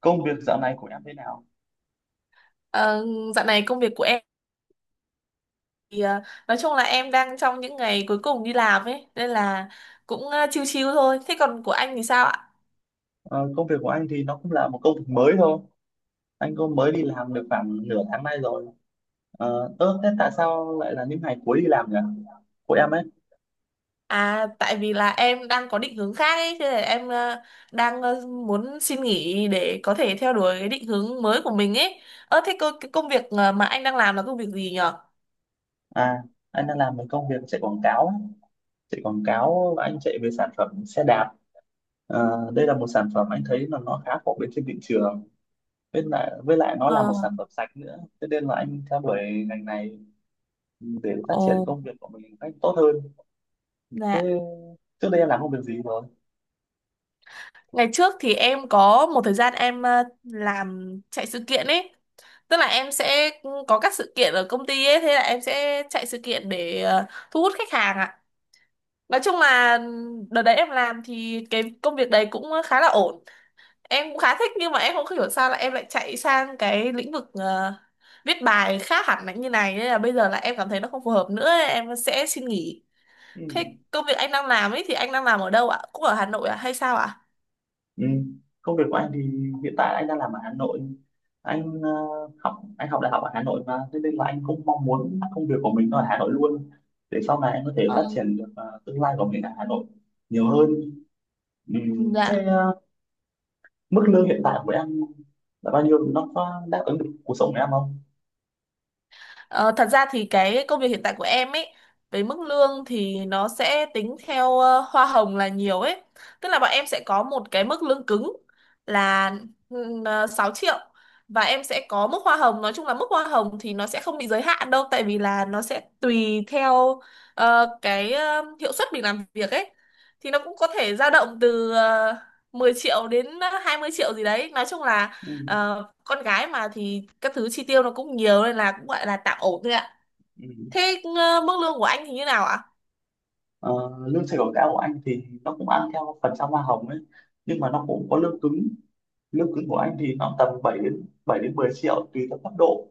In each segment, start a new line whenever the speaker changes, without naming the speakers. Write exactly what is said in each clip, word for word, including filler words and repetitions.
Công việc dạo này của em thế nào?
Ờ, Dạo này công việc của em thì ờ, nói chung là em đang trong những ngày cuối cùng đi làm ấy nên là cũng ờ, chill chill thôi. Thế còn của anh thì sao ạ?
Ờ, Công việc của anh thì nó cũng là một công việc mới thôi. Anh cũng mới đi làm được khoảng nửa tháng nay rồi. Ờ, ơ thế tại sao lại là những ngày cuối đi làm nhỉ, của em ấy?
À, tại vì là em đang có định hướng khác ấy, thế là em ờ, đang ờ, muốn xin nghỉ để có thể theo đuổi cái định hướng mới của mình ấy. Ơ thế cô, cái công việc ờ, mà anh đang làm là công việc gì nhở?
À, anh đang làm một công việc chạy quảng cáo ấy. Chạy quảng cáo, và anh chạy về sản phẩm xe đạp. Ờ, đây là một sản phẩm anh thấy là nó khá phổ biến trên thị trường, với lại với lại nó
Ờ.
là một sản phẩm sạch nữa, thế nên là anh theo đuổi ngành này để phát triển
Ồ.
công việc của mình một cách tốt hơn. Thế
Dạ.
trước đây em làm công việc gì rồi?
Ngày trước thì em có một thời gian em ờ, làm chạy sự kiện ấy. Tức là em sẽ có các sự kiện ở công ty ấy, thế là em sẽ chạy sự kiện để ờ, thu hút khách hàng ạ. Nói chung là đợt đấy em làm thì cái công việc đấy cũng khá là ổn. Em cũng khá thích nhưng mà em không hiểu sao là em lại chạy sang cái lĩnh vực ờ, viết bài khác hẳn là như này nên là bây giờ là em cảm thấy nó không phù hợp nữa, em sẽ xin nghỉ.
Ừ.
Thế công việc anh đang làm ấy thì anh đang làm ở đâu ạ? Cũng ở Hà Nội à hay sao ạ?
Ừ. Công việc của anh thì hiện tại anh đang làm ở Hà Nội. Anh ờ, học anh học đại học ở Hà Nội, và thế nên là anh cũng mong muốn công việc của mình nó ở Hà Nội luôn, để sau này anh có thể
Ờ.
phát triển được ờ, tương lai của mình ở Hà Nội nhiều hơn. Ừ.
Ừ, dạ.
Thế ờ, mức lương hiện tại của em là bao nhiêu? Nó có đáp ứng được cuộc sống của em không?
Ờ, Thật ra thì cái công việc hiện tại của em ấy với mức lương thì nó sẽ tính theo ờ, hoa hồng là nhiều ấy. Tức là bọn em sẽ có một cái mức lương cứng là ừm, ờ, sáu triệu, và em sẽ có mức hoa hồng, nói chung là mức hoa hồng thì nó sẽ không bị giới hạn đâu tại vì là nó sẽ tùy theo ờ, cái ờ, hiệu suất mình làm việc ấy. Thì nó cũng có thể dao động từ ờ, mười triệu đến ờ, hai mươi triệu gì đấy. Nói chung là
Ừ.
ờ, con gái mà thì các thứ chi tiêu nó cũng nhiều nên là cũng gọi là tạm ổn thôi ạ.
Ừ.
Thế ờ, mức lương của anh thì như nào ạ?
Ờ, Lương sale cao của anh thì nó cũng ăn theo phần trăm hoa hồng ấy, nhưng mà nó cũng có lương cứng. Lương cứng của anh thì nó tầm bảy đến bảy đến mười triệu, tùy theo cấp độ.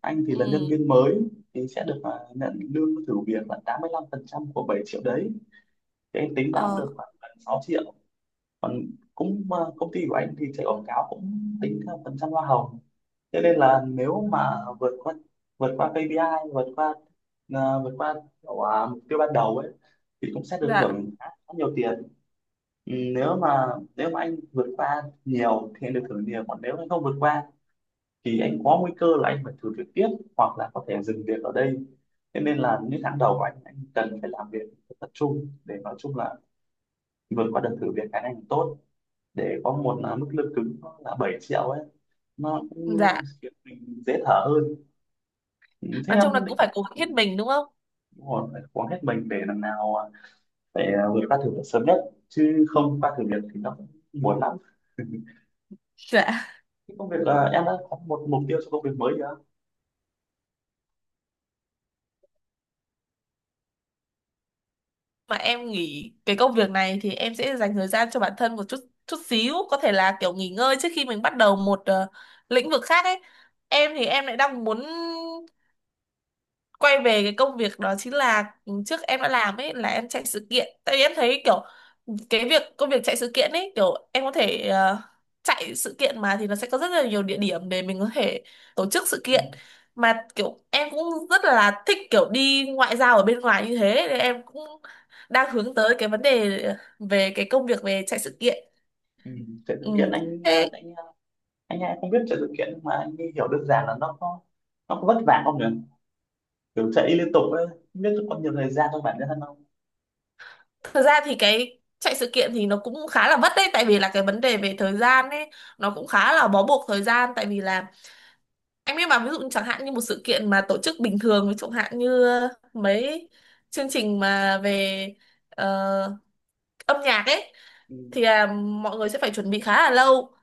Anh thì là nhân
Ừ.
viên mới, thì sẽ được à, nhận lương thử việc là tám mươi lăm phần trăm của bảy triệu đấy, thì anh tính ra cũng
Ờ.
được khoảng gần sáu triệu. Còn cũng à, công ty của anh thì chạy quảng cáo cũng tính theo phần trăm hoa hồng, cho nên là nếu mà vượt qua vượt qua ca pê i, vượt qua à, vượt qua kiểu, à, mục tiêu ban đầu ấy, thì cũng sẽ được
Dạ.
thưởng khá khá nhiều tiền. Ừ, nếu mà nếu mà anh vượt qua nhiều thì anh được thưởng nhiều, còn nếu anh không vượt qua thì anh có nguy cơ là anh phải thử việc tiếp, hoặc là có thể dừng việc ở đây. Thế nên là những tháng đầu của anh anh cần phải làm việc thật tập trung, để nói chung là vượt qua đợt thử việc cái này tốt, để có một là mức lương cứng nó là bảy triệu ấy, nó cũng
Dạ.
khiến mình dễ thở hơn. Ừ, thế
Nói
em
chung là cũng
định...
phải cố gắng
Ừ,
hết mình đúng không?
đúng rồi, phải cố gắng hết mình để lần nào à, phải à, vượt qua thử việc sớm nhất, chứ không qua thử việc thì nó cũng buồn lắm.
Dạ.
Cái công việc là em đã có một mục tiêu cho công việc mới chưa?
Mà em nghỉ cái công việc này thì em sẽ dành thời gian cho bản thân một chút chút xíu, có thể là kiểu nghỉ ngơi trước khi mình bắt đầu một ờ, lĩnh vực khác ấy. Em thì em lại đang muốn quay về cái công việc đó, chính là trước em đã làm ấy là em chạy sự kiện, tại vì em thấy kiểu cái việc công việc chạy sự kiện ấy, kiểu em có thể ờ, chạy sự kiện mà thì nó sẽ có rất là nhiều địa điểm để mình có thể tổ chức sự
Ừ.
kiện, mà kiểu em cũng rất là thích kiểu đi ngoại giao ở bên ngoài như thế nên em cũng đang hướng tới cái vấn đề về cái công việc về chạy sự kiện.
Ừ. Thế
Ừ.
thực hiện anh à,
Thế
anh anh hay không biết chạy sự kiện, nhưng mà anh ấy hiểu đơn giản là nó có nó có vất vả không nhỉ, kiểu chạy liên tục ấy, không biết có nhiều thời gian cho bản thân không?
thật ra thì cái chạy sự kiện thì nó cũng khá là vất đấy, tại vì là cái vấn đề về thời gian ấy nó cũng khá là bó buộc thời gian. Tại vì là anh biết mà, ví dụ chẳng hạn như một sự kiện mà tổ chức bình thường, ví dụ hạn như ờ, mấy chương trình mà về ờ, âm nhạc ấy
Ừ.
thì à, mọi người sẽ phải chuẩn bị khá là lâu,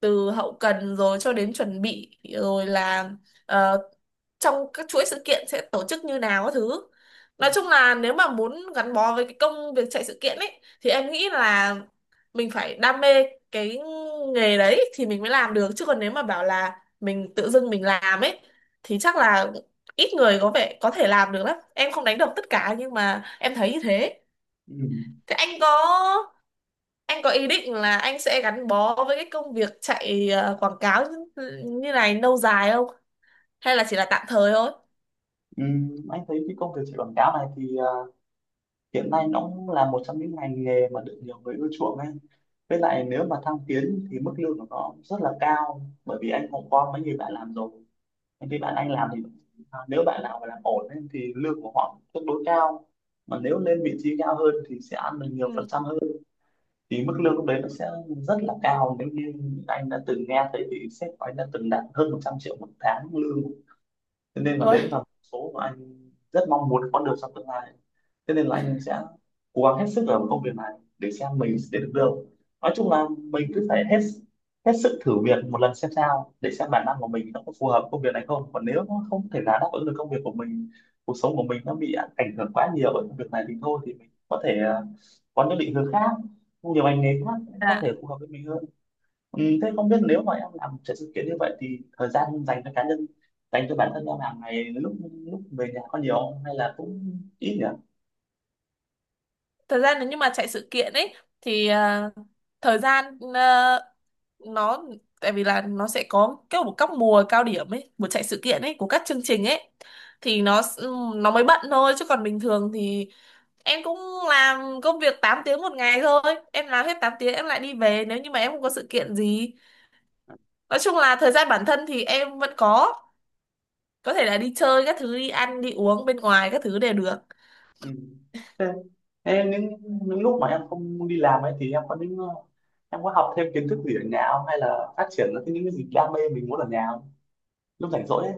từ hậu cần rồi cho đến chuẩn bị rồi là ờ, trong các chuỗi sự kiện sẽ tổ chức như nào các thứ.
Ừ.
Nói chung là nếu mà muốn gắn bó với cái công việc chạy sự kiện ấy thì em nghĩ là mình phải đam mê cái nghề đấy thì mình mới làm được, chứ còn nếu mà bảo là mình tự dưng mình làm ấy thì chắc là ít người có vẻ có thể làm được lắm. Em không đánh đồng tất cả nhưng mà em thấy như thế.
Ừ.
Thế anh có anh có ý định là anh sẽ gắn bó với cái công việc chạy ờ, quảng cáo như, như này lâu dài không? Hay là chỉ là tạm thời thôi?
Ừ. Ừ, anh thấy cái công việc chạy quảng cáo này thì à, hiện nay nó cũng là một trong những ngành nghề mà được nhiều người ưa chuộng ấy, với lại nếu mà thăng tiến thì mức lương của nó rất là cao, bởi vì anh cũng có mấy người bạn làm rồi. Những cái bạn anh làm thì à, nếu bạn nào mà làm ổn ấy, thì lương của họ tương đối cao, mà nếu lên vị trí cao hơn thì sẽ ăn được nhiều phần
Ừ.
trăm hơn, thì mức lương lúc đấy nó sẽ rất là cao. Nếu như anh đã từng nghe thấy thì sếp của anh đã từng đạt hơn một trăm triệu một tháng lương, thế nên là
Ôi.
đấy là một số mà anh rất mong muốn có được trong tương lai. Thế nên là anh sẽ cố gắng hết sức ở một công việc này để xem mình sẽ được đâu. Nói chung là mình cứ phải hết hết sức thử việc một lần xem sao, để xem bản năng của mình nó có phù hợp công việc này không. Còn nếu nó không thể là đáp ứng được công việc của mình, cuộc sống của mình nó bị ảnh hưởng quá nhiều bởi công việc này, thì thôi thì mình có thể ờ, có những định hướng khác, nhiều ngành nghề khác có
Dạ.
thể phù hợp với mình hơn. Ừ, thế không biết nếu mà em làm chạy sự kiện như vậy thì thời gian dành cho cá nhân, dành cho bản thân em hàng ngày lúc lúc về nhà có nhiều không? Hay là cũng ít nhỉ?
Thời gian nếu như mà chạy sự kiện ấy thì ờ, thời gian ờ, nó, tại vì là nó sẽ có cái một các mùa cao điểm ấy, mùa chạy sự kiện ấy của các chương trình ấy thì nó s- ừ, nó mới bận thôi, chứ còn bình thường thì em cũng làm công việc tám tiếng một ngày thôi, em làm hết tám tiếng em lại đi về nếu như mà em không có sự kiện gì. Nói chung là thời gian bản thân thì em vẫn có có thể là đi chơi các thứ, đi ăn đi uống bên ngoài các thứ đều được.
Ừ. thế, thế những những lúc mà em không đi làm ấy, thì em có những ờ, em có học thêm kiến thức gì ở nhà không, hay là phát triển những cái những cái gì đam mê mình muốn ở nhà không, lúc rảnh rỗi ấy?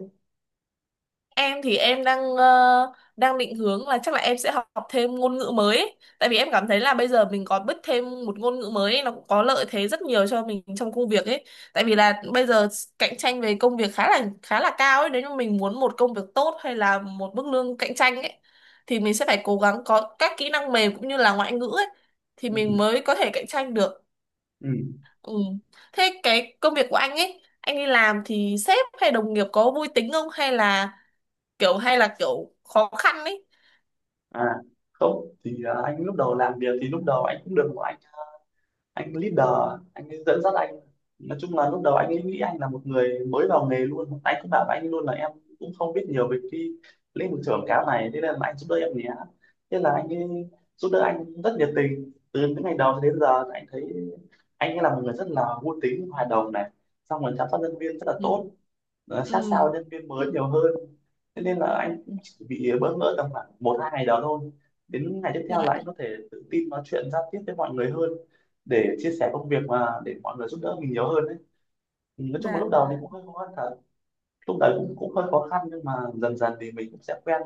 Em thì em đang ờ, đang định hướng là chắc là em sẽ học, học thêm ngôn ngữ mới ấy. Tại vì em cảm thấy là bây giờ mình có biết thêm một ngôn ngữ mới ấy, nó cũng có lợi thế rất nhiều cho mình trong công việc ấy. Tại vì là bây giờ cạnh tranh về công việc khá là khá là cao ấy, nếu như mình muốn một công việc tốt hay là một mức lương cạnh tranh ấy thì mình sẽ phải cố gắng có các kỹ năng mềm cũng như là ngoại ngữ ấy thì
Ừ.
mình mới có thể cạnh tranh được.
Ừ. Ừ.
Ừ. Thế cái công việc của anh ấy, anh đi làm thì sếp hay đồng nghiệp có vui tính không hay là kiểu hay là kiểu khó khăn ấy?
À, không thì ờ, anh lúc đầu làm việc thì lúc đầu anh cũng được anh leader, anh ấy dẫn dắt anh. Nói chung là lúc đầu anh ấy nghĩ anh là một người mới vào nghề luôn, anh cứ bảo với anh luôn là em cũng không biết nhiều về cái lĩnh vực quảng cáo này, thế nên là anh giúp đỡ em nhé. Thế là anh ấy giúp đỡ anh rất nhiệt tình từ những ngày đầu đến giờ, thì anh thấy anh ấy là một người rất là vui tính, hòa đồng này, xong rồi chăm sóc nhân viên rất là
Ừ.
tốt, nó
Ừ.
sát sao nhân viên mới nhiều hơn. Thế nên là anh cũng chỉ bị bỡ ngỡ tầm khoảng một hai ngày đó thôi, đến ngày tiếp theo là anh
Dạ.
có thể tự tin nói chuyện giao tiếp với mọi người hơn, để chia sẻ công việc mà để mọi người giúp đỡ mình nhiều hơn đấy. Ừ, nói chung là
Dạ.
lúc đầu thì cũng hơi khó khăn thật. Lúc đấy cũng cũng hơi khó khăn, nhưng mà dần dần thì mình cũng sẽ quen.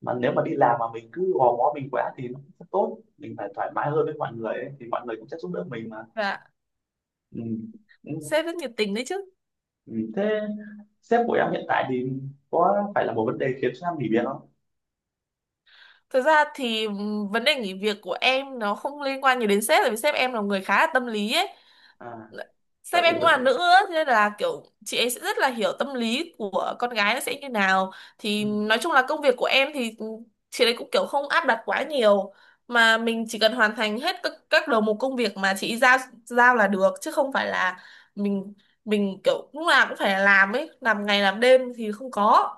Mà nếu mà đi làm mà mình cứ gò bó mình quá thì nó cũng không tốt, mình phải thoải mái hơn với mọi người ấy, thì mọi người cũng sẽ giúp đỡ mình mà.
Dạ.
Ừ. Ừ.
Sếp rất nhiệt tình đấy chứ.
Ừ. Thế sếp của em hiện tại thì có phải là một vấn đề khiến cho em nghỉ việc không?
Thực ra thì ừm, vấn đề nghỉ việc của em nó không liên quan nhiều đến sếp, tại vì sếp em là người khá là tâm lý ấy.
À, vậy
Sếp
thì
em cũng
quyết
là
định...
nữ á, thế nên là kiểu chị ấy sẽ rất là hiểu tâm lý của con gái nó sẽ như nào.
Ừ,
Thì nói chung là công việc của em thì chị ấy cũng kiểu không áp đặt quá nhiều, mà mình chỉ cần hoàn thành hết các, các đầu mục công việc mà chị ấy giao giao là được, chứ không phải là mình mình kiểu lúc nào cũng phải làm ấy, làm ngày làm đêm thì không có.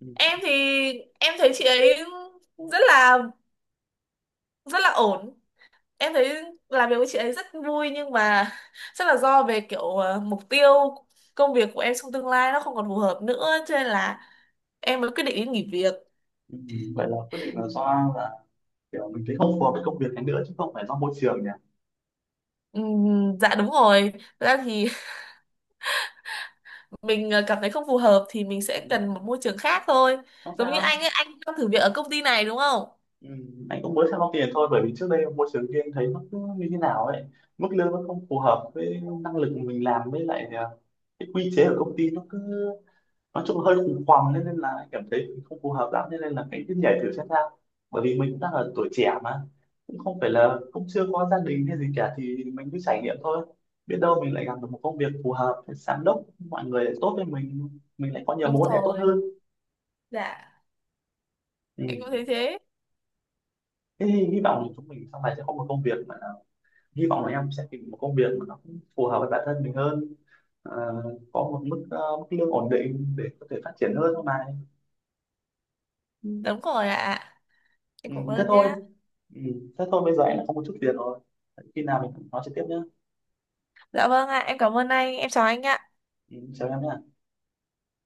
ừ,
Em thì em thấy chị ấy rất là rất là ổn, em thấy làm việc với chị ấy rất vui nhưng mà chắc là do về kiểu ờ, mục tiêu công việc của em trong tương lai nó không còn phù hợp nữa cho nên là em mới quyết định đi nghỉ việc.
ừ. Vậy là quyết định là do là kiểu mình thấy không phù hợp với công việc này nữa, chứ không phải do môi trường nhỉ?
Ừm, dạ đúng rồi. Thật ra thì mình ờ, cảm thấy không phù hợp thì mình sẽ
Ừ.
cần một môi trường khác thôi,
Không
giống như
sao.
anh ấy anh đang thử việc ở công ty này đúng không.
Ừ. Anh cũng mới sang Long Tiền thôi, bởi vì trước đây môi trường riêng thấy nó cứ như thế nào ấy, mức lương nó không phù hợp với năng lực mình làm, với lại à, cái quy chế ở công ty nó cứ nói chung hơi khủng hoảng, nên, nên là anh cảm thấy mình không phù hợp lắm, nên, nên là cái cứ nhảy thử xem sao. Bởi vì mình cũng đang ở tuổi trẻ mà, cũng không phải là cũng chưa có gia đình hay gì cả, thì mình cứ trải nghiệm thôi, biết đâu mình lại gặp được một công việc phù hợp, giám đốc mọi người lại tốt với mình mình lại có nhiều
Đúng
mối quan hệ tốt
rồi.
hơn.
Dạ.
Ừ.
Em cũng thấy thế.
Thế thì hy vọng là chúng mình sau này sẽ có một công việc mà, hy vọng là em sẽ tìm một công việc mà nó cũng phù hợp với bản thân mình hơn. Ờ, có một mức ờ, mức lương ổn định để có thể phát triển hơn mà.
Ừ, đúng rồi ạ, em
Ừ,
cảm
thế
ơn
thôi.
nhá.
Ừ, thế thôi, bây giờ anh đã có một chút việc rồi. Khi nào mình nói trực tiếp nhé.
Dạ vâng ạ, em cảm ơn anh, em chào anh ạ.
Ừ, chào em nhé.